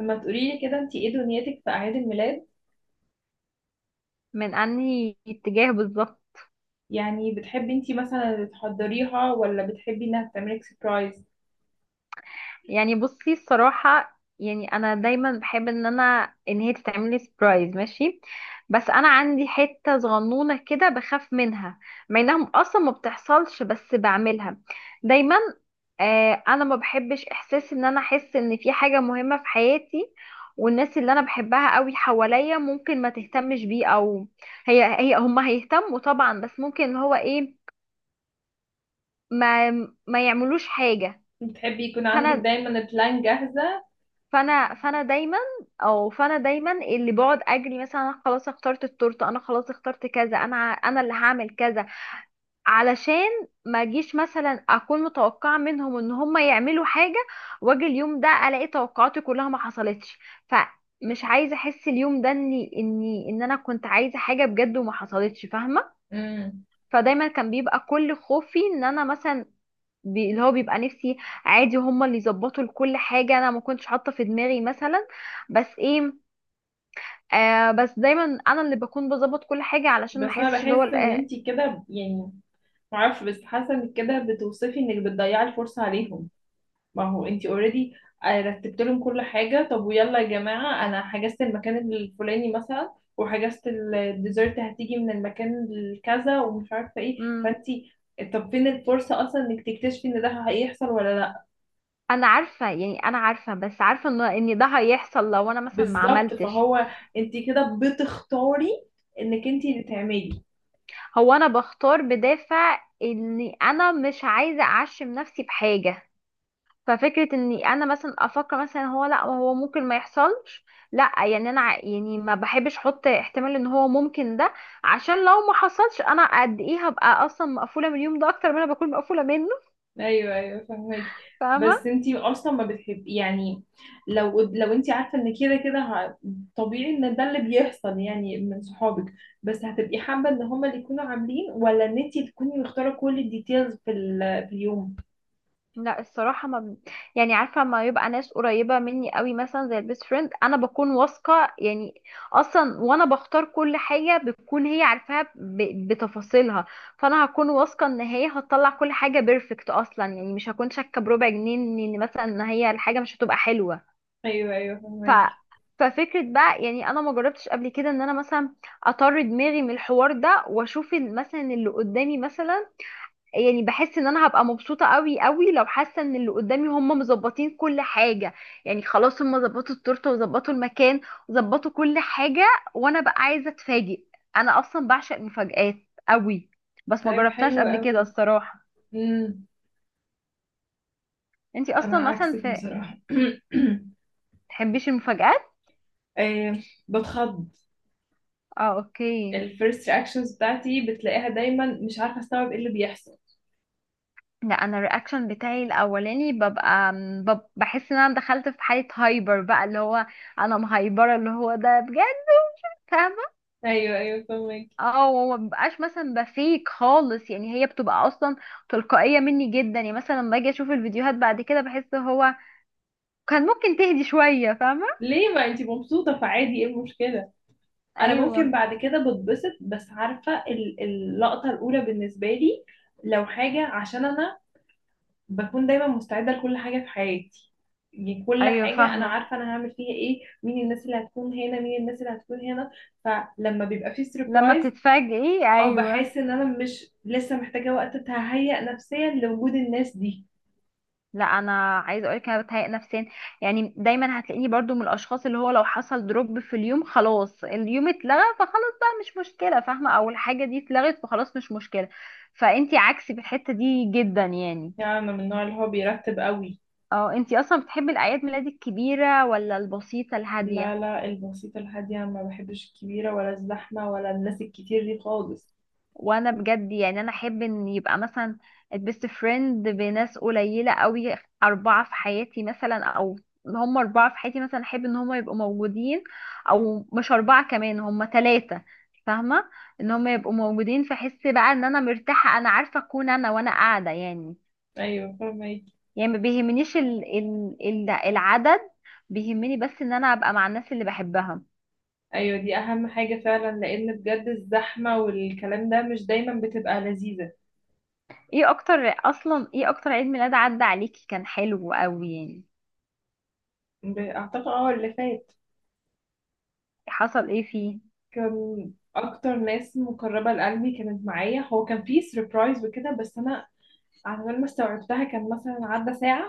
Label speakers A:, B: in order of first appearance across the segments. A: لما تقولي لي كده انت ايه دنيتك في اعياد الميلاد؟
B: من انهي اتجاه بالظبط؟
A: يعني بتحبي انت مثلا تحضريها ولا بتحبي انها تعملك سربرايز؟
B: يعني بصي الصراحة يعني انا دايما بحب ان انا ان هي تتعمل لي سبرايز، ماشي. بس انا عندي حتة صغنونة كده بخاف منها، مع انها اصلا ما بتحصلش بس بعملها دايما. انا ما بحبش احساس ان انا احس ان في حاجة مهمة في حياتي والناس اللي انا بحبها قوي حواليا ممكن ما تهتمش بيه، او هي هم هيهتموا طبعا، بس ممكن اللي هو ايه، ما ما يعملوش حاجة.
A: بتحبي يكون عندك
B: فانا
A: دايما البلان جاهزة؟
B: فانا دايما، او فانا دايما اللي بقعد اجري، مثلا انا خلاص اخترت التورته، انا خلاص اخترت كذا، انا اللي هعمل كذا علشان ما اجيش مثلا اكون متوقعه منهم ان هم يعملوا حاجه، واجي اليوم ده الاقي توقعاتي كلها ما حصلتش. فمش عايزه احس اليوم ده اني اني ان انا كنت عايزه حاجه بجد وما حصلتش، فاهمه.
A: امم
B: فدايما كان بيبقى كل خوفي ان انا مثلا، اللي هو بيبقى نفسي عادي هما اللي يظبطوا لكل حاجة، انا ما كنتش حاطة في دماغي مثلا، بس ايه، بس دايما انا اللي بكون بظبط كل حاجة علشان ما
A: بس انا
B: احسش اللي هو
A: بحس ان انت كده، يعني معرفش، بس حاسة انك كده بتوصفي انك بتضيعي الفرصة عليهم. ما هو انتي اوريدي رتبت لهم كل حاجة. طب ويلا يا جماعة، انا حجزت المكان الفلاني مثلا وحجزت الديزرت هتيجي من المكان الكذا ومش عارفة ايه،
B: مم.
A: فانتي طب فين الفرصة اصلا انك تكتشفي ان ده هيحصل ولا لا؟
B: انا عارفة، يعني انا عارفة، بس عارفة ان ده هيحصل لو انا مثلا ما
A: بالظبط،
B: عملتش.
A: فهو انتي كده بتختاري انك انتي اللي تعملي.
B: هو انا بختار بدافع اني انا مش عايزة اعشم نفسي بحاجة، ففكرة اني انا مثلا افكر مثلا هو، لا هو ممكن ما يحصلش، لا يعني يعني ما بحبش احط احتمال ان هو ممكن ده، عشان لو ما حصلش انا قد ايه هبقى اصلا مقفولة من اليوم ده اكتر ما انا بكون مقفولة منه،
A: ايوه ايوه فهماكي. بس
B: فاهمة.
A: انتي اصلا ما بتحبي يعني، لو انتي عارفه ان كده كده طبيعي ان ده اللي بيحصل يعني من صحابك، بس هتبقي حابه ان هما اللي يكونوا عاملين ولا ان انتي تكوني مختاره كل الديتيلز في اليوم؟
B: لا الصراحة ما ب... يعني عارفة ما يبقى ناس قريبة مني قوي مثلا زي البيست فريند، انا بكون واثقة يعني اصلا، وانا بختار كل حاجة بتكون هي عارفاها بتفاصيلها، فانا هكون واثقة ان هي هتطلع كل حاجة بيرفكت اصلا، يعني مش هكون شاكة بربع جنيه ان مثلا ان هي الحاجة مش هتبقى حلوة.
A: ايوه ايوه
B: ف
A: فهماكي.
B: ففكرة بقى يعني انا ما جربتش قبل كده ان انا مثلا اطر دماغي من الحوار ده واشوف مثلا اللي قدامي مثلا. يعني بحس ان انا هبقى مبسوطه قوي قوي لو حاسه ان اللي قدامي هم مظبطين كل حاجه، يعني خلاص هم ظبطوا التورته وظبطوا المكان وظبطوا كل حاجه، وانا بقى عايزه اتفاجئ، انا اصلا بعشق المفاجآت قوي، بس ما
A: طيب
B: جربتهاش
A: حلو
B: قبل كده
A: قوي.
B: الصراحه.
A: امم
B: انتي
A: انا
B: اصلا مثلا
A: عكسك
B: في،
A: بصراحه.
B: تحبيش المفاجآت؟
A: آه، بتخض.
B: اه، اوكي.
A: الفيرست رياكشنز بتاعتي بتلاقيها دايما مش عارفه استوعب ايه اللي بيحصل.
B: لا انا الرياكشن بتاعي الاولاني ببقى بحس ان انا دخلت في حاله هايبر بقى، اللي هو انا مهايبره، اللي هو ده بجد.
A: ايوه ايوه فهماكي.
B: اه، ومبقاش مثلا بفيك خالص، يعني هي بتبقى اصلا تلقائية مني جدا، يعني مثلا لما باجي اشوف الفيديوهات بعد كده بحس هو كان ممكن تهدي شوية، فاهمة.
A: ليه؟ ما انتي مبسوطة، فعادي، ايه المشكلة؟ انا ممكن
B: ايوه
A: بعد كده بتبسط، بس عارفة اللقطة الاولى بالنسبة لي لو حاجة، عشان انا بكون دايما مستعدة لكل حاجة في حياتي، يعني كل
B: ايوه،
A: حاجة انا
B: فاهمة.
A: عارفة انا هعمل فيها ايه، مين الناس اللي هتكون هنا، مين الناس اللي هتكون هنا. فلما بيبقى في
B: لما
A: سربرايز،
B: بتتفاجئي،
A: اه
B: ايوه.
A: بحس ان انا مش لسه محتاجة وقت تهيأ نفسيا لوجود الناس دي.
B: لا انا عايزه اقولك انا بتهيأ نفسيا، يعني دايما هتلاقيني برضو من الاشخاص اللي هو لو حصل دروب في اليوم خلاص، اليوم اتلغى فخلاص، بقى مش مشكله فاهمه، او الحاجه دي اتلغت فخلاص مش مشكله. فانتي عكسي في الحته دي جدا يعني.
A: يعني انا من النوع اللي هو بيرتب قوي.
B: اه، انتي اصلا بتحبي الاعياد ميلاد الكبيره ولا البسيطه
A: لا
B: الهاديه؟
A: لا، البسيطة الهادية، ما بحبش الكبيرة ولا الزحمة ولا الناس الكتير دي خالص.
B: وانا بجد يعني انا احب ان يبقى مثلا البيست فريند، بناس قليله قوي، اربعه في حياتي مثلا، او هم اربعه في حياتي مثلا، احب ان هم يبقوا موجودين، او مش اربعه كمان، هم ثلاثه، فاهمه، ان هم يبقوا موجودين، فاحس بقى ان انا مرتاحه، انا عارفه اكون انا وانا قاعده يعني.
A: أيوة فاهمك.
B: يعني ما بيهمنيش العدد، بيهمني بس ان انا ابقى مع الناس اللي بحبها.
A: أيوة دي أهم حاجة فعلا، لأن بجد الزحمة والكلام ده مش دايما بتبقى لذيذة.
B: ايه اكتر، اصلا ايه اكتر عيد ميلاد عدى عليكي كان حلو قوي يعني؟
A: أعتقد اه اللي فات،
B: حصل ايه فيه؟
A: كان أكتر ناس مقربة لقلبي كانت معايا، هو كان فيه سربرايز وكده، بس أنا على بال ما استوعبتها كان مثلا عدى ساعة.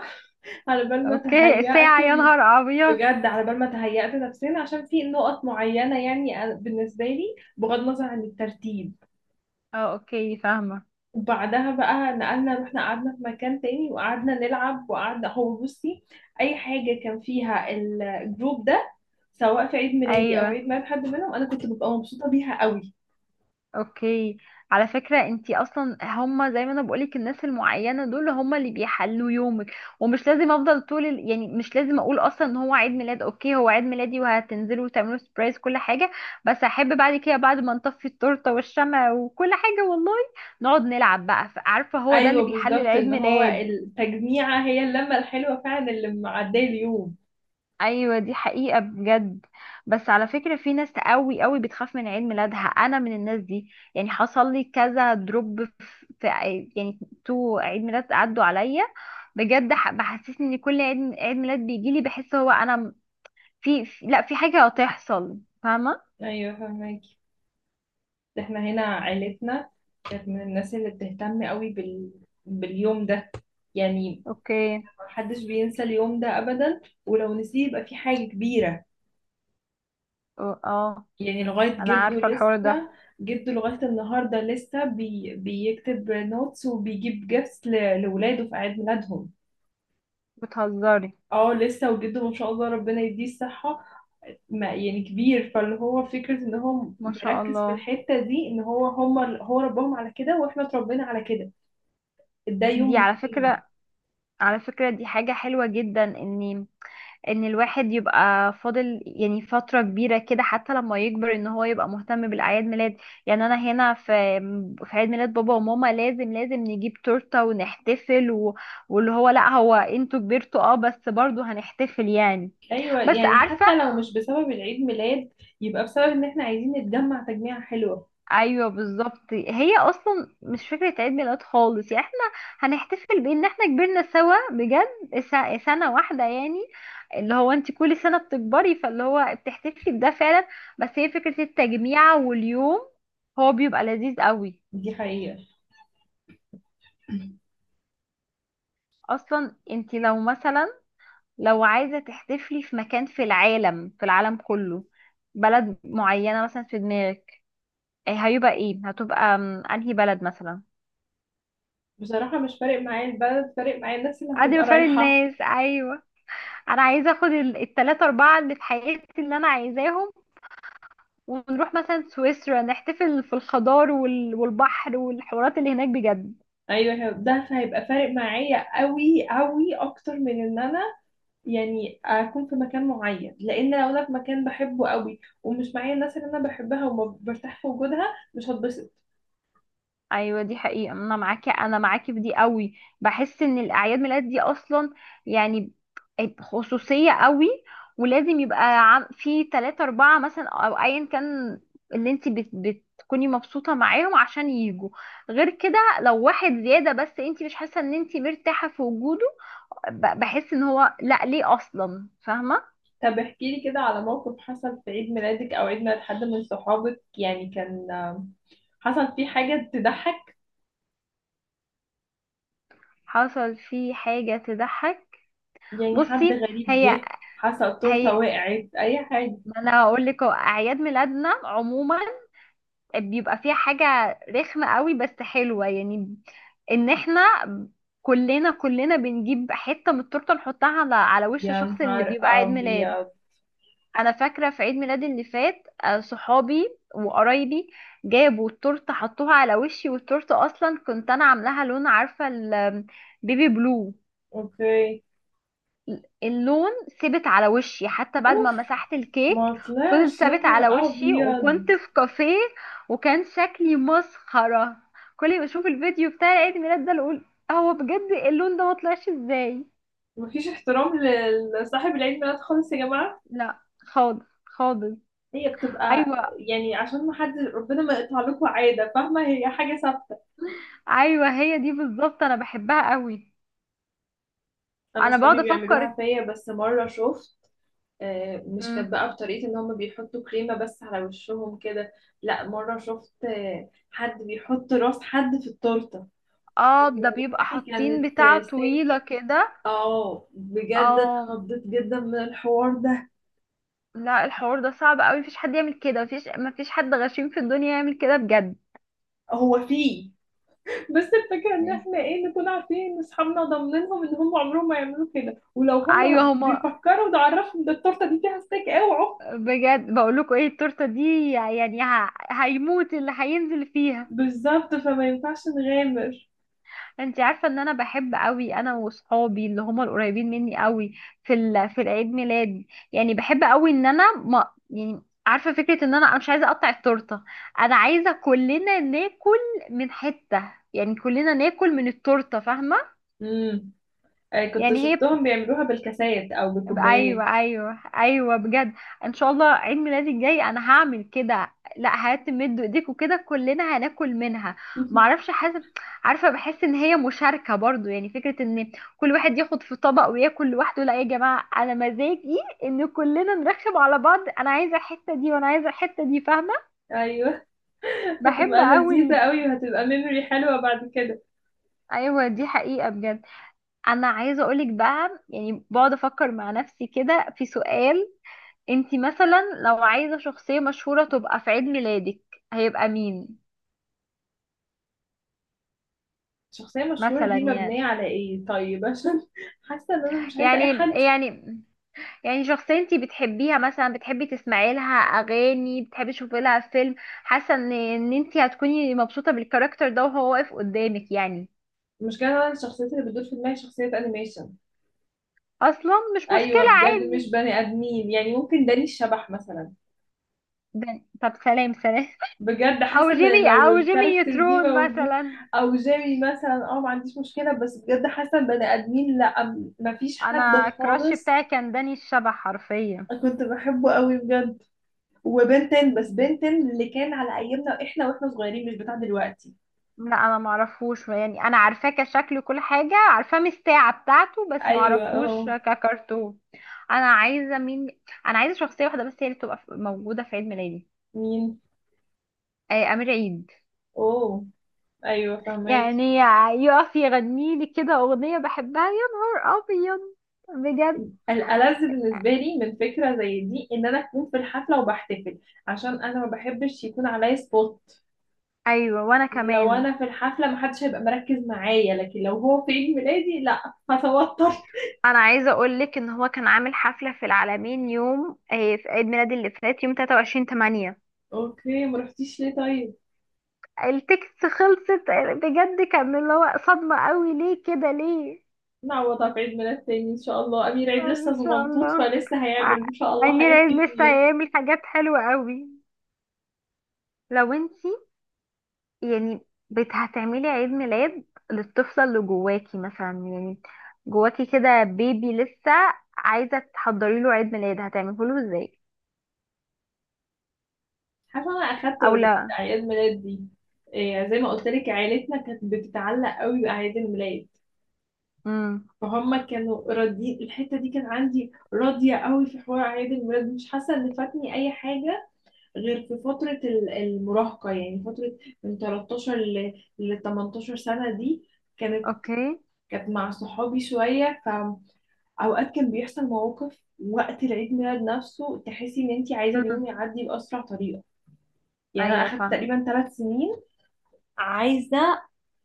A: على بال ما
B: اوكي،
A: تهيأت،
B: الساعة؟ يا نهار ابيض.
A: بجد على بال ما تهيأت نفسنا، عشان في نقط معينة يعني بالنسبة لي بغض النظر عن الترتيب.
B: اه اوكي، فاهمة.
A: وبعدها بقى نقلنا، رحنا قعدنا في مكان تاني وقعدنا نلعب وقعدنا، هو بصي، أي حاجة كان فيها الجروب ده، سواء في عيد ميلادي أو
B: ايوه،
A: عيد ميلاد حد منهم، أنا كنت ببقى مبسوطة بيها قوي.
B: اوكي. على فكرة انتي اصلا، هما زي ما انا بقولك الناس المعينة دول هما اللي بيحلوا يومك، ومش لازم افضل طول يعني مش لازم اقول اصلا ان هو عيد ميلاد، اوكي هو عيد ميلادي وهتنزلوا وتعملوا سبرايز كل حاجة، بس احب بعد كده بعد ما نطفي التورتة والشمع وكل حاجة والله نقعد نلعب بقى، عارفة هو ده اللي
A: أيوة
B: بيحل
A: بالظبط،
B: العيد
A: إن هو
B: ميلاد.
A: التجميعة هي اللمة الحلوة فعلا اللي معدية اليوم.
B: ايوه دي حقيقة بجد. بس على فكرة في ناس قوي قوي بتخاف من عيد ميلادها، انا من الناس دي، يعني حصل لي كذا دروب في، يعني تو عيد ميلاد عدوا عليا بجد، بحسسني ان كل عيد ميلاد بيجي لي بحس هو انا م- في في- لا في حاجة هتحصل، فاهمة.
A: أيوة فهمك. احنا هنا عيلتنا كانت من الناس اللي بتهتم قوي باليوم ده، يعني
B: اوكي.
A: محدش بينسى اليوم ده ابدا، ولو نسيه يبقى في حاجة كبيرة.
B: اه
A: يعني لغاية
B: انا
A: جده
B: عارفة الحوار
A: لسه،
B: ده.
A: جده لغاية النهاردة لسه بيكتب نوتس وبيجيب جيفس لولاده في عيد ميلادهم.
B: بتهزري؟
A: اه لسه، وجده ما شاء الله ربنا يديه الصحة، ما يعني كبير، فاللي هو فكرة ان هو
B: ما شاء
A: مركز في
B: الله.
A: الحتة دي، ان هو هم هو ربهم على كده واحنا اتربينا على كده. ده
B: دي
A: يوم
B: على
A: مهم.
B: فكرة، على فكرة دي حاجة حلوة جدا، اني ان الواحد يبقى فاضل يعني فترة كبيرة كده حتى لما يكبر، ان هو يبقى مهتم بالاعياد ميلاد. يعني انا هنا في، في عيد ميلاد بابا وماما لازم لازم نجيب تورتة ونحتفل واللي هو لا هو انتوا كبرتوا، اه بس برضو هنحتفل يعني.
A: ايوه،
B: بس
A: يعني
B: عارفة،
A: حتى لو مش بسبب العيد ميلاد، يبقى بسبب ان احنا عايزين نتجمع تجميعة حلوة.
B: ايوه بالظبط، هي اصلا مش فكره عيد ميلاد خالص، يعني احنا هنحتفل بان احنا كبرنا سوا بجد، سنه واحده يعني، اللي هو انت كل سنه بتكبري، فاللي هو بتحتفلي بده فعلا، بس هي فكره التجميع واليوم هو بيبقى لذيذ قوي.
A: دي حقيقة.
B: اصلا انت لو مثلا، لو عايزه تحتفلي في مكان في العالم، في العالم كله، بلد معينه مثلا في دماغك، هيبقى ايه؟ هتبقى انهي بلد مثلا؟
A: بصراحة مش فارق معايا البلد، فارق معايا الناس اللي
B: عادي
A: هتبقى
B: بفرق
A: رايحة.
B: الناس، أيوه. انا عايزه اخد التلاتة اربعة اللي في حياتي اللي انا عايزاهم، ونروح مثلا سويسرا، نحتفل في الخضار والبحر والحوارات اللي هناك بجد.
A: ايوه ده هيبقى فارق معايا قوي قوي اكتر من ان انا يعني اكون في مكان معين، لان لو انا في مكان بحبه قوي ومش معايا الناس اللي انا بحبها وما برتاح في وجودها، مش هتبسط.
B: ايوه دي حقيقه، انا معاكي، انا معاكي في دي قوي. بحس ان الاعياد ميلاد دي اصلا يعني خصوصيه قوي، ولازم يبقى في تلاتة اربعة مثلا او ايا كان، اللي انت بتكوني مبسوطه معاهم عشان يجوا، غير كده لو واحد زياده بس انت مش حاسه ان انت مرتاحه في وجوده، بحس ان هو لا ليه اصلا، فاهمه.
A: طب احكي لي كده على موقف حصل في عيد ميلادك او عيد ميلاد حد من صحابك، يعني كان حصل فيه حاجة تضحك،
B: حصل في حاجه تضحك؟
A: يعني حد
B: بصي
A: غريب
B: هي،
A: جه، حسب التورتة
B: هي
A: وقعت، أي حاجة.
B: ما انا هقول لك، هو اعياد ميلادنا عموما بيبقى فيها حاجه رخمه قوي بس حلوه، يعني ان احنا كلنا، كلنا بنجيب حته من التورته نحطها على على وش
A: يا
B: الشخص اللي
A: نهار
B: بيبقى عيد ميلاد.
A: أبيض.
B: انا فاكره في عيد ميلادي اللي فات صحابي وقرايبي جابوا التورته حطوها على وشي، والتورته اصلا كنت انا عاملاها لون، عارفه البيبي بلو،
A: أوكي.
B: اللون ثبت على وشي حتى بعد ما
A: أوف،
B: مسحت الكيك،
A: ما
B: فضل
A: طلعش، يا
B: ثابت على
A: نهار
B: وشي،
A: أبيض.
B: وكنت في كافيه وكان شكلي مسخره. كل ما اشوف الفيديو بتاع عيد الميلاد ده اقول هو بجد اللون ده ما طلعش ازاي.
A: مفيش احترام لصاحب العيد ميلاد خالص يا جماعة.
B: لا، خالص خالص.
A: هي بتبقى
B: ايوه
A: يعني عشان ما حد، ربنا ما يقطع لكم عادة، فاهمة، هي حاجة ثابتة.
B: ايوه، هي دي بالظبط انا بحبها قوي.
A: أنا
B: انا
A: أصحابي
B: بقعد افكر.
A: بيعملوها فيا، بس مرة شفت، مش كانت
B: مم.
A: بقى بطريقة إن هما بيحطوا كريمة بس على وشهم كده. لأ مرة شفت حد بيحط راس حد في التورتة.
B: اه ده بيبقى
A: روحي
B: حاطين
A: كانت
B: بتاع طويلة
A: سيك.
B: كده.
A: اه بجد
B: اه.
A: اتخضيت جدا من الحوار ده.
B: لا الحوار ده صعب قوي، مفيش حد يعمل كده، مفيش، مفيش حد غشيم في الدنيا يعمل كده بجد.
A: هو فيه، بس الفكرة ان
B: مم.
A: احنا ايه، نكون عارفين ان اصحابنا ضامنينهم ان هم عمرهم ما يعملوا كده، ولو هم
B: ايوه هما،
A: بيفكروا نعرفهم ده التورتة دي فيها ستيك اوعوا.
B: بجد بقول لكم ايه التورته دي، يعني هيموت اللي هينزل فيها.
A: بالظبط، فما ينفعش نغامر.
B: انت عارفه ان انا بحب قوي انا وصحابي اللي هم القريبين مني قوي في في العيد ميلاد، يعني بحب قوي ان انا ما، يعني عارفه فكره ان انا، أنا مش عايزه اقطع التورته، انا عايزه كلنا ناكل من حته، يعني كلنا ناكل من التورته فاهمه.
A: امم كنت
B: يعني هي،
A: شفتهم بيعملوها بالكاسات او بكوبايات.
B: ايوه ايوه ايوه بجد، ان شاء الله عيد ميلادي الجاي انا هعمل كده، لا هاتم مدوا ايديكوا كده كلنا هناكل منها. معرفش، حاسب. عارفه بحس ان هي مشاركه برضو، يعني فكره ان كل واحد ياخد في طبق وياكل لوحده، لا يا جماعه انا مزاجي ان كلنا نرخم على بعض، انا عايزه الحته دي وانا عايزه الحته دي، فاهمه.
A: ايوه
B: بحب
A: هتبقى
B: قوي
A: لذيذة قوي وهتبقى ميموري حلوة بعد كده.
B: ايوه دي حقيقه بجد. انا عايزه اقولك بقى، يعني بقعد افكر مع نفسي كده في سؤال، انتي مثلا لو عايزة شخصية مشهورة تبقى في عيد ميلادك هيبقى مين؟
A: الشخصية المشهورة
B: مثلا
A: دي مبنية على ايه طيب، عشان حاسة ان انا مش عايزة اي
B: يعني
A: حد.
B: يعني يعني شخصية انتي بتحبيها، مثلا بتحبي تسمعي لها اغاني، بتحبي تشوفي لها فيلم، حاسة ان انتي هتكوني مبسوطة بالكاركتر ده وهو واقف قدامك يعني.
A: مش كده، انا الشخصيات اللي بتدور في دماغي شخصيات انيميشن.
B: اصلا مش مشكلة
A: ايوه بجد، مش
B: عادي.
A: بني ادمين، يعني ممكن داني الشبح مثلا.
B: طب سلام سلام.
A: بجد
B: او
A: حاسة
B: جيمي،
A: ان لو
B: او جيمي
A: الكاركتر دي
B: نيوترون
A: موجود،
B: مثلا.
A: او جيمي مثلا، اه ما عنديش مشكلة، بس بجد حاسة إن بني ادمين لا، مفيش حد
B: انا الكراش
A: خالص.
B: بتاعي كان داني الشبح حرفيا.
A: كنت بحبه قوي بجد. وبنتن، بس بنتن اللي كان على ايامنا، احنا واحنا صغيرين، مش بتاع دلوقتي.
B: لا انا ما اعرفوش يعني، انا عارفاه كشكل كل حاجه، عارفاه من الساعه بتاعته، بس ما
A: ايوه
B: اعرفوش
A: اه.
B: ككرتون. انا عايزه مين؟ انا عايزه شخصيه واحده بس هي اللي تبقى موجوده في عيد ميلادي،
A: مين؟
B: امير عيد،
A: اوه، ايوه فهماكي.
B: يعني يقف يغني لي كده اغنيه بحبها، يا نهار ابيض، بجد.
A: الألذ بالنسبة لي من فكرة زي دي إن أنا أكون في الحفلة وبحتفل، عشان أنا ما بحبش يكون عليا سبوت.
B: ايوه وانا
A: لو
B: كمان.
A: أنا في الحفلة محدش هيبقى مركز معايا، لكن لو هو في عيد ميلادي لأ، هتوتر.
B: انا عايزه اقول لك ان هو كان عامل حفله في العالمين يوم في عيد ميلادي اللي فات يوم 23 8،
A: أوكي، ما رحتيش ليه طيب؟
B: التكست خلصت، بجد كان اللي هو صدمة قوي، ليه كده ليه؟
A: نعوضها في عيد ميلاد تاني إن شاء الله، أمير عيد
B: ان
A: لسه
B: شاء
A: صغنطوط
B: الله.
A: فلسه هيعمل
B: ع-
A: إن شاء الله
B: امير
A: حاجات
B: عيد لسه
A: كتير.
B: هيعمل حاجات حلوة قوي. لو انتي يعني هتعملي عيد ميلاد للطفلة اللي جواكي مثلا، يعني جواكي كده بيبي لسه، عايزة تحضري له عيد ميلاد هتعمله له ازاي؟
A: حاسة أنا أخدت
B: او
A: أوريدي
B: لا.
A: أعياد ميلاد دي. إيه، زي ما قلت لك عيلتنا كانت بتتعلق قوي بأعياد الميلاد،
B: امم.
A: فهم كانوا راضيين الحته دي، كان عندي راضيه قوي في حوار اعياد الميلاد، مش حاسه ان فاتني اي حاجه، غير في فتره المراهقه، يعني فتره من 13 ل 18 سنه، دي كانت
B: اوكي.
A: كانت مع صحابي شويه. فاوقات كان بيحصل مواقف وقت العيد ميلاد نفسه، تحسي ان انت عايزه
B: امم.
A: اليوم يعدي باسرع طريقه. يعني انا
B: ايوه
A: اخدت تقريبا 3 سنين عايزه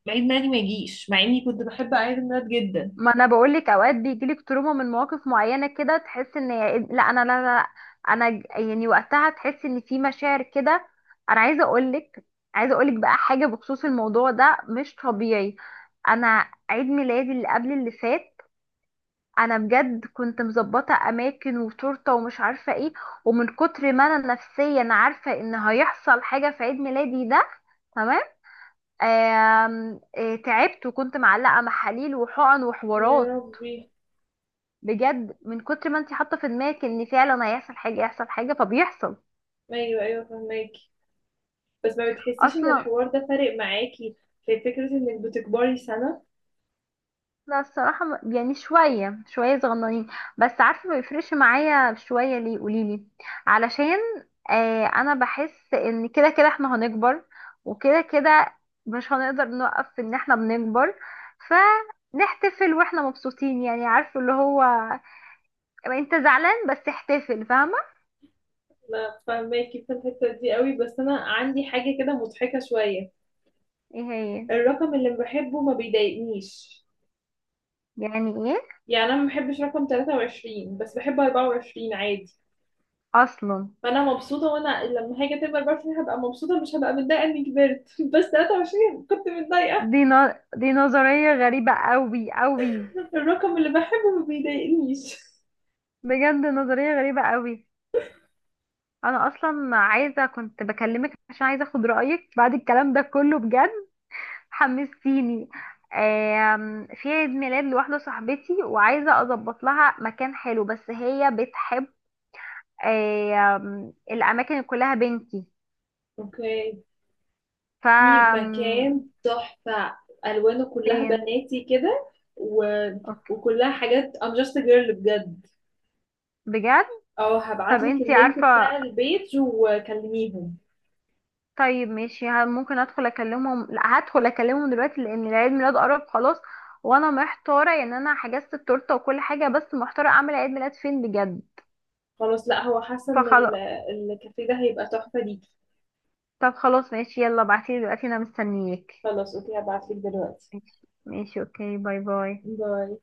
A: عيد ميلادي ما يجيش، مع اني كنت بحب عيد الميلاد جدا.
B: ما انا بقول لك، اوقات بيجيلك تروما من مواقف معينه كده تحس ان لا انا، لا لا لا، انا يعني وقتها تحس ان في مشاعر كده. انا عايزه اقول لك، عايزه اقول لك بقى حاجه بخصوص الموضوع ده مش طبيعي، انا عيد ميلادي اللي قبل اللي فات انا بجد كنت مظبطه اماكن وتورته ومش عارفه ايه، ومن كتر ما انا نفسيا عارفه ان هيحصل حاجه في عيد ميلادي ده، تمام، آم، آه، تعبت وكنت معلقه محاليل وحقن
A: يا
B: وحوارات،
A: ربي.
B: بجد من كتر ما انت حاطه في دماغك ان فعلا هيحصل حاجه يحصل حاجه فبيحصل.
A: ايوه ايوه فهمك. بس ما بتحسيش ان
B: اصلا.
A: الحوار ده فارق معاكي في فكرة انك بتكبري سنة؟
B: لا الصراحه يعني شويه شويه صغننين، بس عارفه ما بيفرقش معايا شويه، ليه؟ قوليلي. علشان انا بحس ان كده كده احنا هنكبر، وكده كده مش هنقدر نوقف ان احنا بنكبر، فنحتفل واحنا مبسوطين، يعني عارفه اللي هو انت زعلان بس احتفل، فاهمه.
A: ما فاهماكي في الحتة دي قوي، بس انا عندي حاجة كده مضحكة شوية.
B: ايه هي؟
A: الرقم اللي بحبه ما بيضايقنيش،
B: يعني ايه؟
A: يعني انا ما بحبش رقم 23 بس بحب 24 عادي،
B: اصلا
A: فانا مبسوطة وانا لما هاجي اتم 24 هبقى مبسوطة، مش هبقى متضايقة اني كبرت. بس 23 كنت متضايقة.
B: دي نظرية غريبة قوي قوي.
A: الرقم اللي بحبه ما بيضايقنيش.
B: بجد نظرية غريبة قوي. انا اصلا عايزة، كنت بكلمك عشان عايزة اخد رأيك بعد الكلام ده كله بجد، حمستيني. في عيد ميلاد لواحدة صاحبتي وعايزة اظبط لها مكان حلو، بس هي بتحب الاماكن اللي كلها بنكي.
A: اوكي
B: ف
A: في مكان
B: آم،
A: تحفة، ألوانه كلها
B: فين؟
A: بناتي كده، و...
B: اوكي.
A: وكلها حاجات I'm just a girl بجد.
B: بجد.
A: اه
B: طب
A: هبعتلك
B: انتي
A: اللينك
B: عارفة،
A: بتاع البيج وكلميهم.
B: طيب ماشي، ممكن ادخل اكلمهم، لا هدخل اكلمهم دلوقتي لان العيد ميلاد قرب خلاص، وانا محتاره، يعني انا حجزت التورته وكل حاجه، بس محتاره اعمل عيد ميلاد فين بجد،
A: خلاص لا، هو حاسة ان ال-
B: فخلاص.
A: الكافيه ده هيبقى تحفة ليكي.
B: طب خلاص ماشي، يلا ابعتيلي دلوقتي، انا مستنياك.
A: خلاص اوكي هبعتلك دلوقتي.
B: ماشي. ماشي، اوكي، باي باي.
A: باي.